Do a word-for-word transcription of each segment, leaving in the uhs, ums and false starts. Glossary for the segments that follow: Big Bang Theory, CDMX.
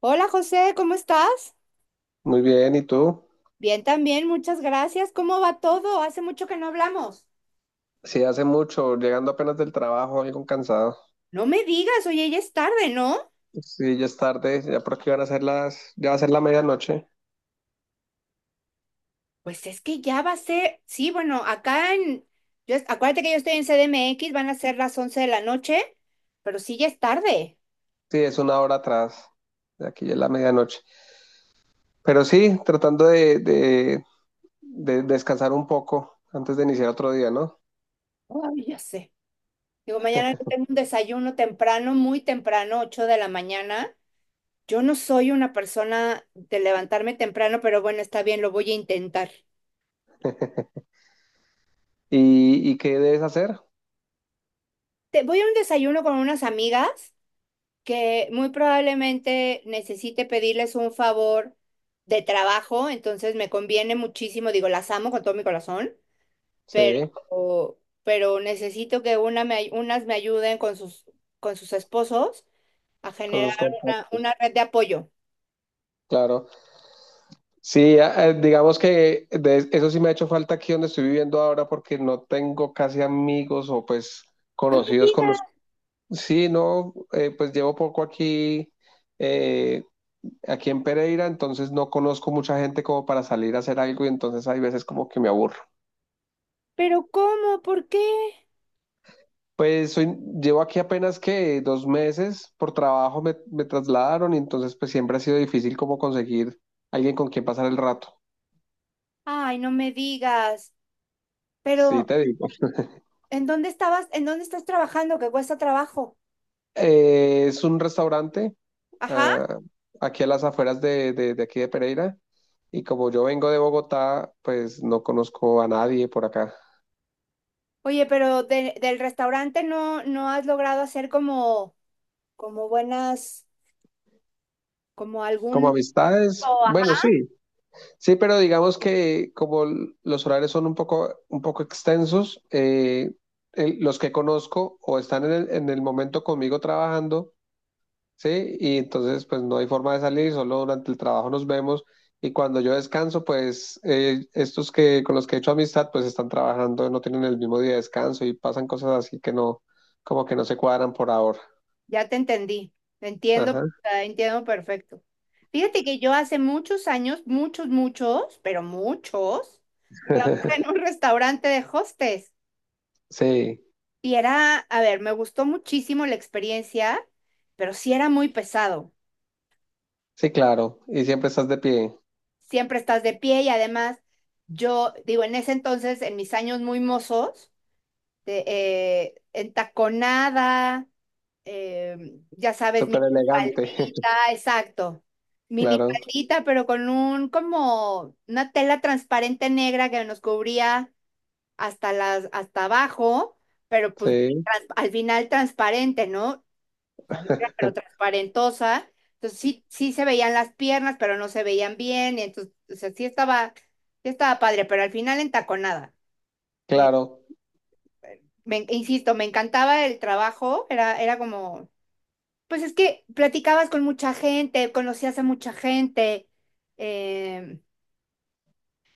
Hola José, ¿cómo estás? Muy bien, ¿y tú? Bien también, muchas gracias. ¿Cómo va todo? Hace mucho que no hablamos. Sí, hace mucho, llegando apenas del trabajo, algo cansado. No me digas, oye, ya es tarde, ¿no? Sí, ya es tarde, ya por aquí van a ser las, ya va a ser la medianoche. Pues es que ya va a ser, sí, bueno, acá en, yo, acuérdate que yo estoy en C D M X, van a ser las once de la noche, pero sí ya es tarde. Sí, es una hora atrás, de aquí ya es la medianoche. Pero sí, tratando de, de- de descansar un poco antes de iniciar otro día, ¿no? Ay, ya sé. Digo, mañana yo tengo un desayuno temprano, muy temprano, ocho de la mañana. Yo no soy una persona de levantarme temprano, pero bueno, está bien, lo voy a intentar. ¿Y, y qué debes hacer? Te, voy a un desayuno con unas amigas que muy probablemente necesite pedirles un favor de trabajo, entonces me conviene muchísimo, digo, las amo con todo mi corazón, pero, Sí, pero necesito que una me ay- unas me ayuden con sus, con sus esposos a con generar sus una, contactos, una red de apoyo. claro. Sí, a- eh, digamos que de- eso sí me ha hecho falta aquí donde estoy viviendo ahora porque no tengo casi amigos o pues No me conocidos con. digas, Sí, no, eh, pues llevo poco aquí, eh, aquí en Pereira, entonces no conozco mucha gente como para salir a hacer algo y entonces hay veces como que me aburro. pero ¿cómo? ¿Por qué? Pues soy, llevo aquí apenas que dos meses por trabajo me, me trasladaron y entonces pues siempre ha sido difícil como conseguir alguien con quien pasar el rato. Ay, no me digas, Sí, pero te digo. ¿en dónde estabas? ¿En dónde estás trabajando que cuesta trabajo? Eh, es un restaurante Ajá. ah, aquí a las afueras de, de de aquí de Pereira y como yo vengo de Bogotá, pues no conozco a nadie por acá. Oye, pero de- del restaurante no, no has logrado hacer como. Como buenas, como Como algún. amistades, O, ajá, bueno, sí, sí, pero digamos que como l- los horarios son un poco, un poco extensos, eh, el- los que conozco o están en el, en el momento conmigo trabajando, sí, y entonces pues no hay forma de salir, solo durante el trabajo nos vemos y cuando yo descanso, pues eh, estos que con los que he hecho amistad, pues están trabajando, no tienen el mismo día de descanso y pasan cosas así que no, como que no se cuadran por ahora. ya te entendí, entiendo, Ajá. ah, entiendo perfecto. Fíjate que yo hace muchos años, muchos, muchos, pero muchos, trabajé en un restaurante de hostes Sí, y era, a ver, me gustó muchísimo la experiencia, pero sí era muy pesado. sí, claro, y siempre estás de pie. Siempre estás de pie y además yo, digo, en ese entonces, en mis años muy mozos, de, eh, entaconada. eh, ya sabes, Súper elegante, minifaldita, exacto. claro, Minifaldita, pero con un como una tela transparente negra que nos cubría hasta las, hasta abajo, pero pues sí, trans- al final transparente, ¿no? O sea, negra, pero transparentosa. Entonces sí, sí se veían las piernas, pero no se veían bien. Y entonces, o sea, sí estaba, sí estaba padre, pero al final entaconada. claro. Me, insisto, me encantaba el trabajo, era, era como. Pues es que platicabas con mucha gente, conocías a mucha gente, eh,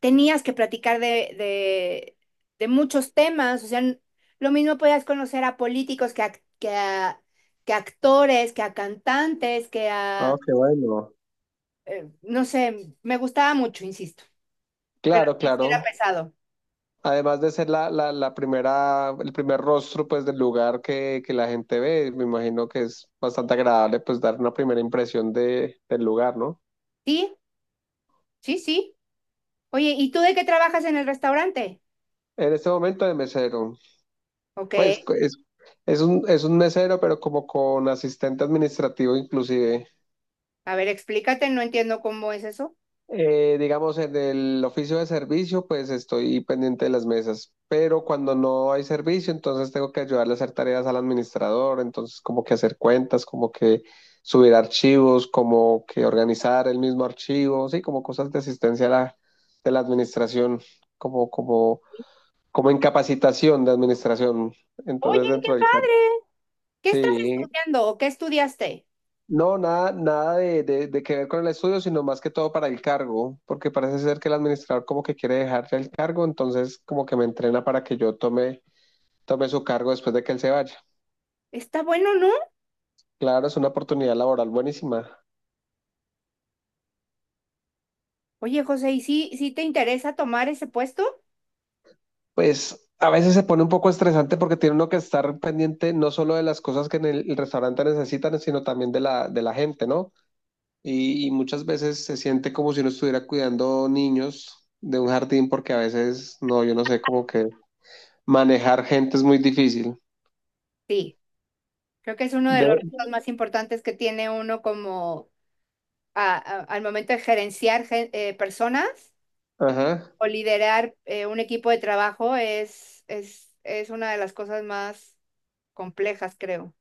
tenías que platicar de, de, de muchos temas, o sea, n- lo mismo podías conocer a políticos que a, que a, que a actores, que a cantantes, que Ah, a, qué bueno. eh, no sé, me gustaba mucho, insisto, pero Claro, sí sí claro. era pesado. Además de ser la, la, la primera, el primer rostro pues del lugar que, que la gente ve, me imagino que es bastante agradable pues dar una primera impresión de, del lugar, ¿no? Sí, sí, sí. Oye, ¿y tú de qué trabajas en el restaurante? En este momento de mesero, Ok, pues co- es, es un, es un mesero, pero como con asistente administrativo inclusive. a ver, explícate, no entiendo cómo es eso. Eh, digamos, en el oficio de servicio, pues estoy pendiente de las mesas, pero cuando no hay servicio, entonces tengo que ayudarle a hacer tareas al administrador, entonces como que hacer cuentas, como que subir archivos, como que organizar el mismo archivo, sí, como cosas de asistencia a la, de la administración, como, como, como incapacitación de administración. Oye, Entonces qué dentro del campo, padre. ¿Qué estás sí, estudiando o qué estudiaste? no, nada, nada de, de- de que ver con el estudio, sino más que todo para el cargo, porque parece ser que el administrador como que quiere dejarle el cargo, entonces como que me entrena para que yo tome, tome su cargo después de que él se vaya. Está bueno, ¿no? Claro, es una oportunidad laboral buenísima. Oye, José, ¿y sí, sí te interesa tomar ese puesto? Pues a veces se pone un poco estresante porque tiene uno que estar pendiente no solo de las cosas que en el, el restaurante necesitan, sino también de la, de la gente, ¿no? Y, y muchas veces se siente como si uno estuviera cuidando niños de un jardín, porque a veces, no, yo no sé, como que... Manejar gente es muy difícil. Sí, creo que es uno de Ve, los retos más importantes que tiene uno como a- a- al momento de gerenciar gen- eh, personas ajá. o liderar eh, un equipo de trabajo es, es, es una de las cosas más complejas, creo.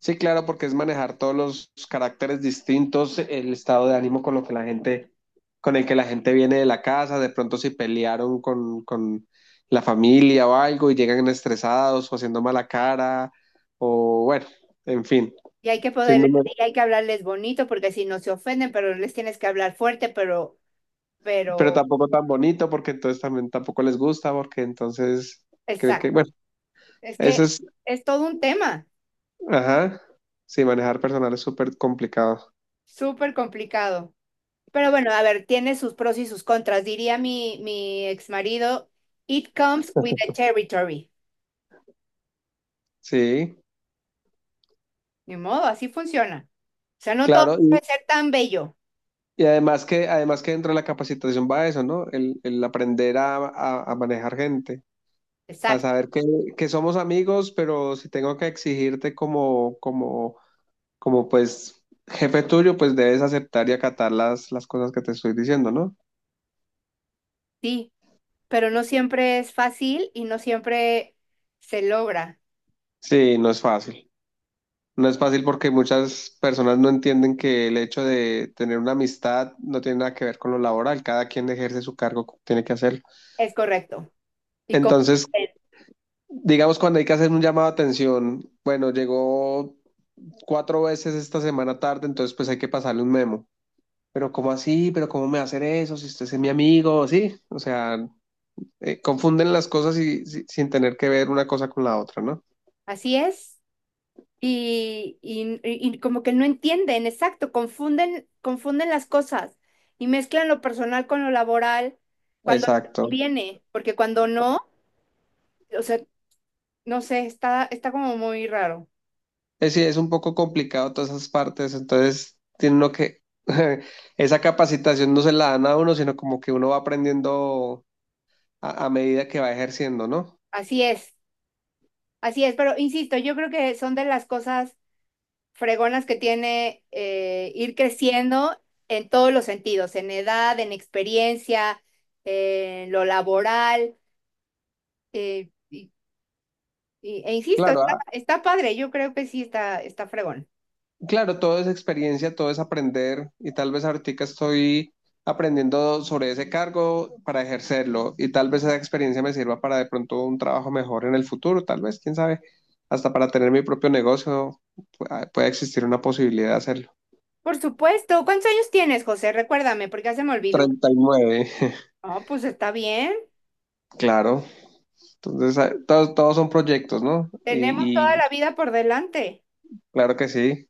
Sí, claro, porque es manejar todos los caracteres distintos, el estado de ánimo con lo que la gente, con el que la gente viene de la casa, de pronto si pelearon con, con la familia o algo y llegan estresados o haciendo mala cara, o bueno, en fin, Y hay que sin poder, número, y hay que hablarles bonito porque si no se ofenden, pero les tienes que hablar fuerte, pero, pero pero, tampoco tan bonito porque entonces también tampoco les gusta porque entonces cree exacto. que, bueno, Es eso que es, es todo un tema. ajá, sí, manejar personal es súper complicado, Súper complicado. Pero bueno, a ver, tiene sus pros y sus contras. Diría mi, mi ex marido, it comes with the territory. sí. Ni modo, así funciona. O sea, no todo Claro, puede y, ser tan bello. y además que además que dentro de la capacitación va eso, ¿no? El, el aprender a, a- a manejar gente, a Exacto, saber que, que somos amigos, pero si tengo que exigirte como, como, como pues jefe tuyo, pues debes aceptar y acatar las, las cosas que te estoy diciendo, ¿no? sí. Pero no siempre es fácil y no siempre se logra. Sí, no es fácil. No es fácil porque muchas personas no entienden que el hecho de tener una amistad no tiene nada que ver con lo laboral. Cada quien ejerce su cargo, como tiene que hacerlo. Es correcto. Y con- Entonces, digamos, cuando hay que hacer un llamado de atención, bueno, llegó cuatro veces esta semana tarde, entonces pues hay que pasarle un memo. Pero ¿cómo así? ¿Pero cómo me va a hacer eso? Si usted es mi amigo, sí. O sea, eh, confunden las cosas y, si- sin tener que ver una cosa con la otra, ¿no? así es. Y, y- y como que no entienden, exacto, confunden, confunden las cosas y mezclan lo personal con lo laboral cuando les Exacto. conviene, porque cuando no, o sea, no sé, está, está como muy raro. Es, sí, es un poco complicado todas esas partes, entonces tiene uno que, esa capacitación no se la dan a uno, sino como que uno va aprendiendo a, a medida que va ejerciendo, ¿no? Así es, así es, pero insisto, yo creo que son de las cosas fregonas que tiene eh, ir creciendo en todos los sentidos, en edad, en experiencia, en lo laboral. eh, Y- e insisto, Claro, está, está padre, yo creo que sí está, está fregón. claro, todo es experiencia, todo es aprender y tal vez ahorita estoy aprendiendo sobre ese cargo para ejercerlo y tal vez esa experiencia me sirva para de pronto un trabajo mejor en el futuro, tal vez, quién sabe, hasta para tener mi propio negocio pu- puede existir una posibilidad de hacerlo. Por supuesto, ¿cuántos años tienes, José? Recuérdame, porque ya se me olvidó. Treinta y nueve. No, pues está bien. Claro. Entonces, ah, todos, todos son proyectos, ¿no? Tenemos Y, toda y la vida por delante. claro que sí.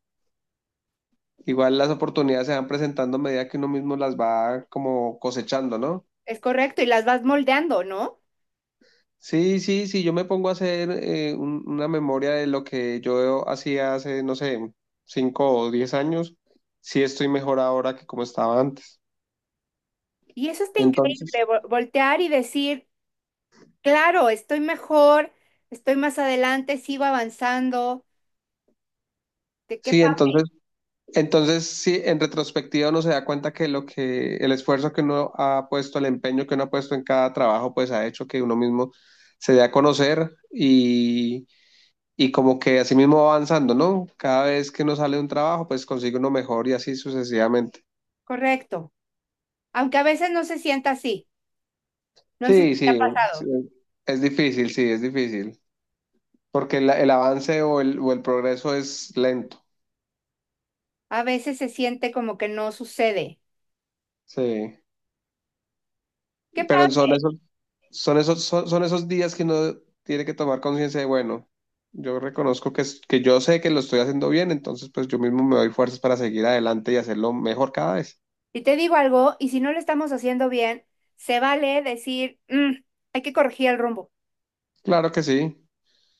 Igual las oportunidades se van presentando a medida que uno mismo las va como cosechando, ¿no? Es correcto, y las vas moldeando, ¿no? Sí, sí, sí, yo me pongo a hacer eh, un- una memoria de lo que yo hacía hace, no sé, cinco o diez años, sí estoy mejor ahora que como estaba antes. Y eso está Entonces, increíble, vo- voltear y decir, claro, estoy mejor, estoy más adelante, sigo avanzando. ¿De qué sí, pa- entonces, entonces sí, en retrospectiva uno se da cuenta que lo que, el esfuerzo que uno ha puesto, el empeño que uno ha puesto en cada trabajo, pues ha hecho que uno mismo se dé a conocer y, y como que así mismo va avanzando, ¿no? Cada vez que uno sale de un trabajo, pues consigue uno mejor y así sucesivamente. Correcto. Aunque a veces no se sienta así. No sé si Sí, te ha sí, es, pasado. es difícil, sí, es difícil, porque el el avance o el, o el progreso es lento, A veces se siente como que no sucede. sí, ¿Qué pasa? pero son esos, son esos, son, son esos días que uno tiene que tomar conciencia de, bueno, yo reconozco que, es- que yo sé que lo estoy haciendo bien, entonces pues yo mismo me doy fuerzas para seguir adelante y hacerlo mejor cada vez. Y te digo algo, y si no lo estamos haciendo bien, se vale decir, "Mm, hay que corregir el rumbo, Claro que sí.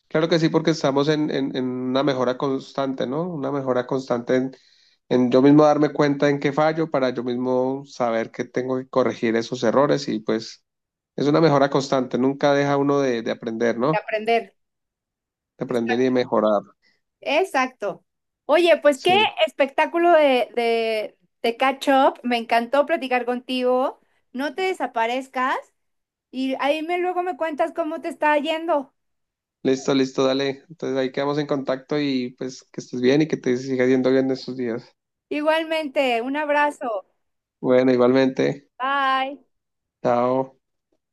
Claro que sí, porque estamos en, en- en una mejora constante, ¿no? Una mejora constante en, en yo mismo darme cuenta en qué fallo para yo mismo saber que tengo que corregir esos errores y pues es una mejora constante, nunca deja uno de, de aprender, ¿no? aprender. De aprender y Está- de mejorar. Exacto. Oye, pues qué Sí. espectáculo de, de, de catch up. Me encantó platicar contigo. No te desaparezcas y ahí me luego me cuentas cómo te está yendo. Listo, listo, dale. Entonces ahí quedamos en contacto y pues que estés bien y que te siga yendo bien estos días. Igualmente, un abrazo. Bueno, igualmente. Bye. Chao.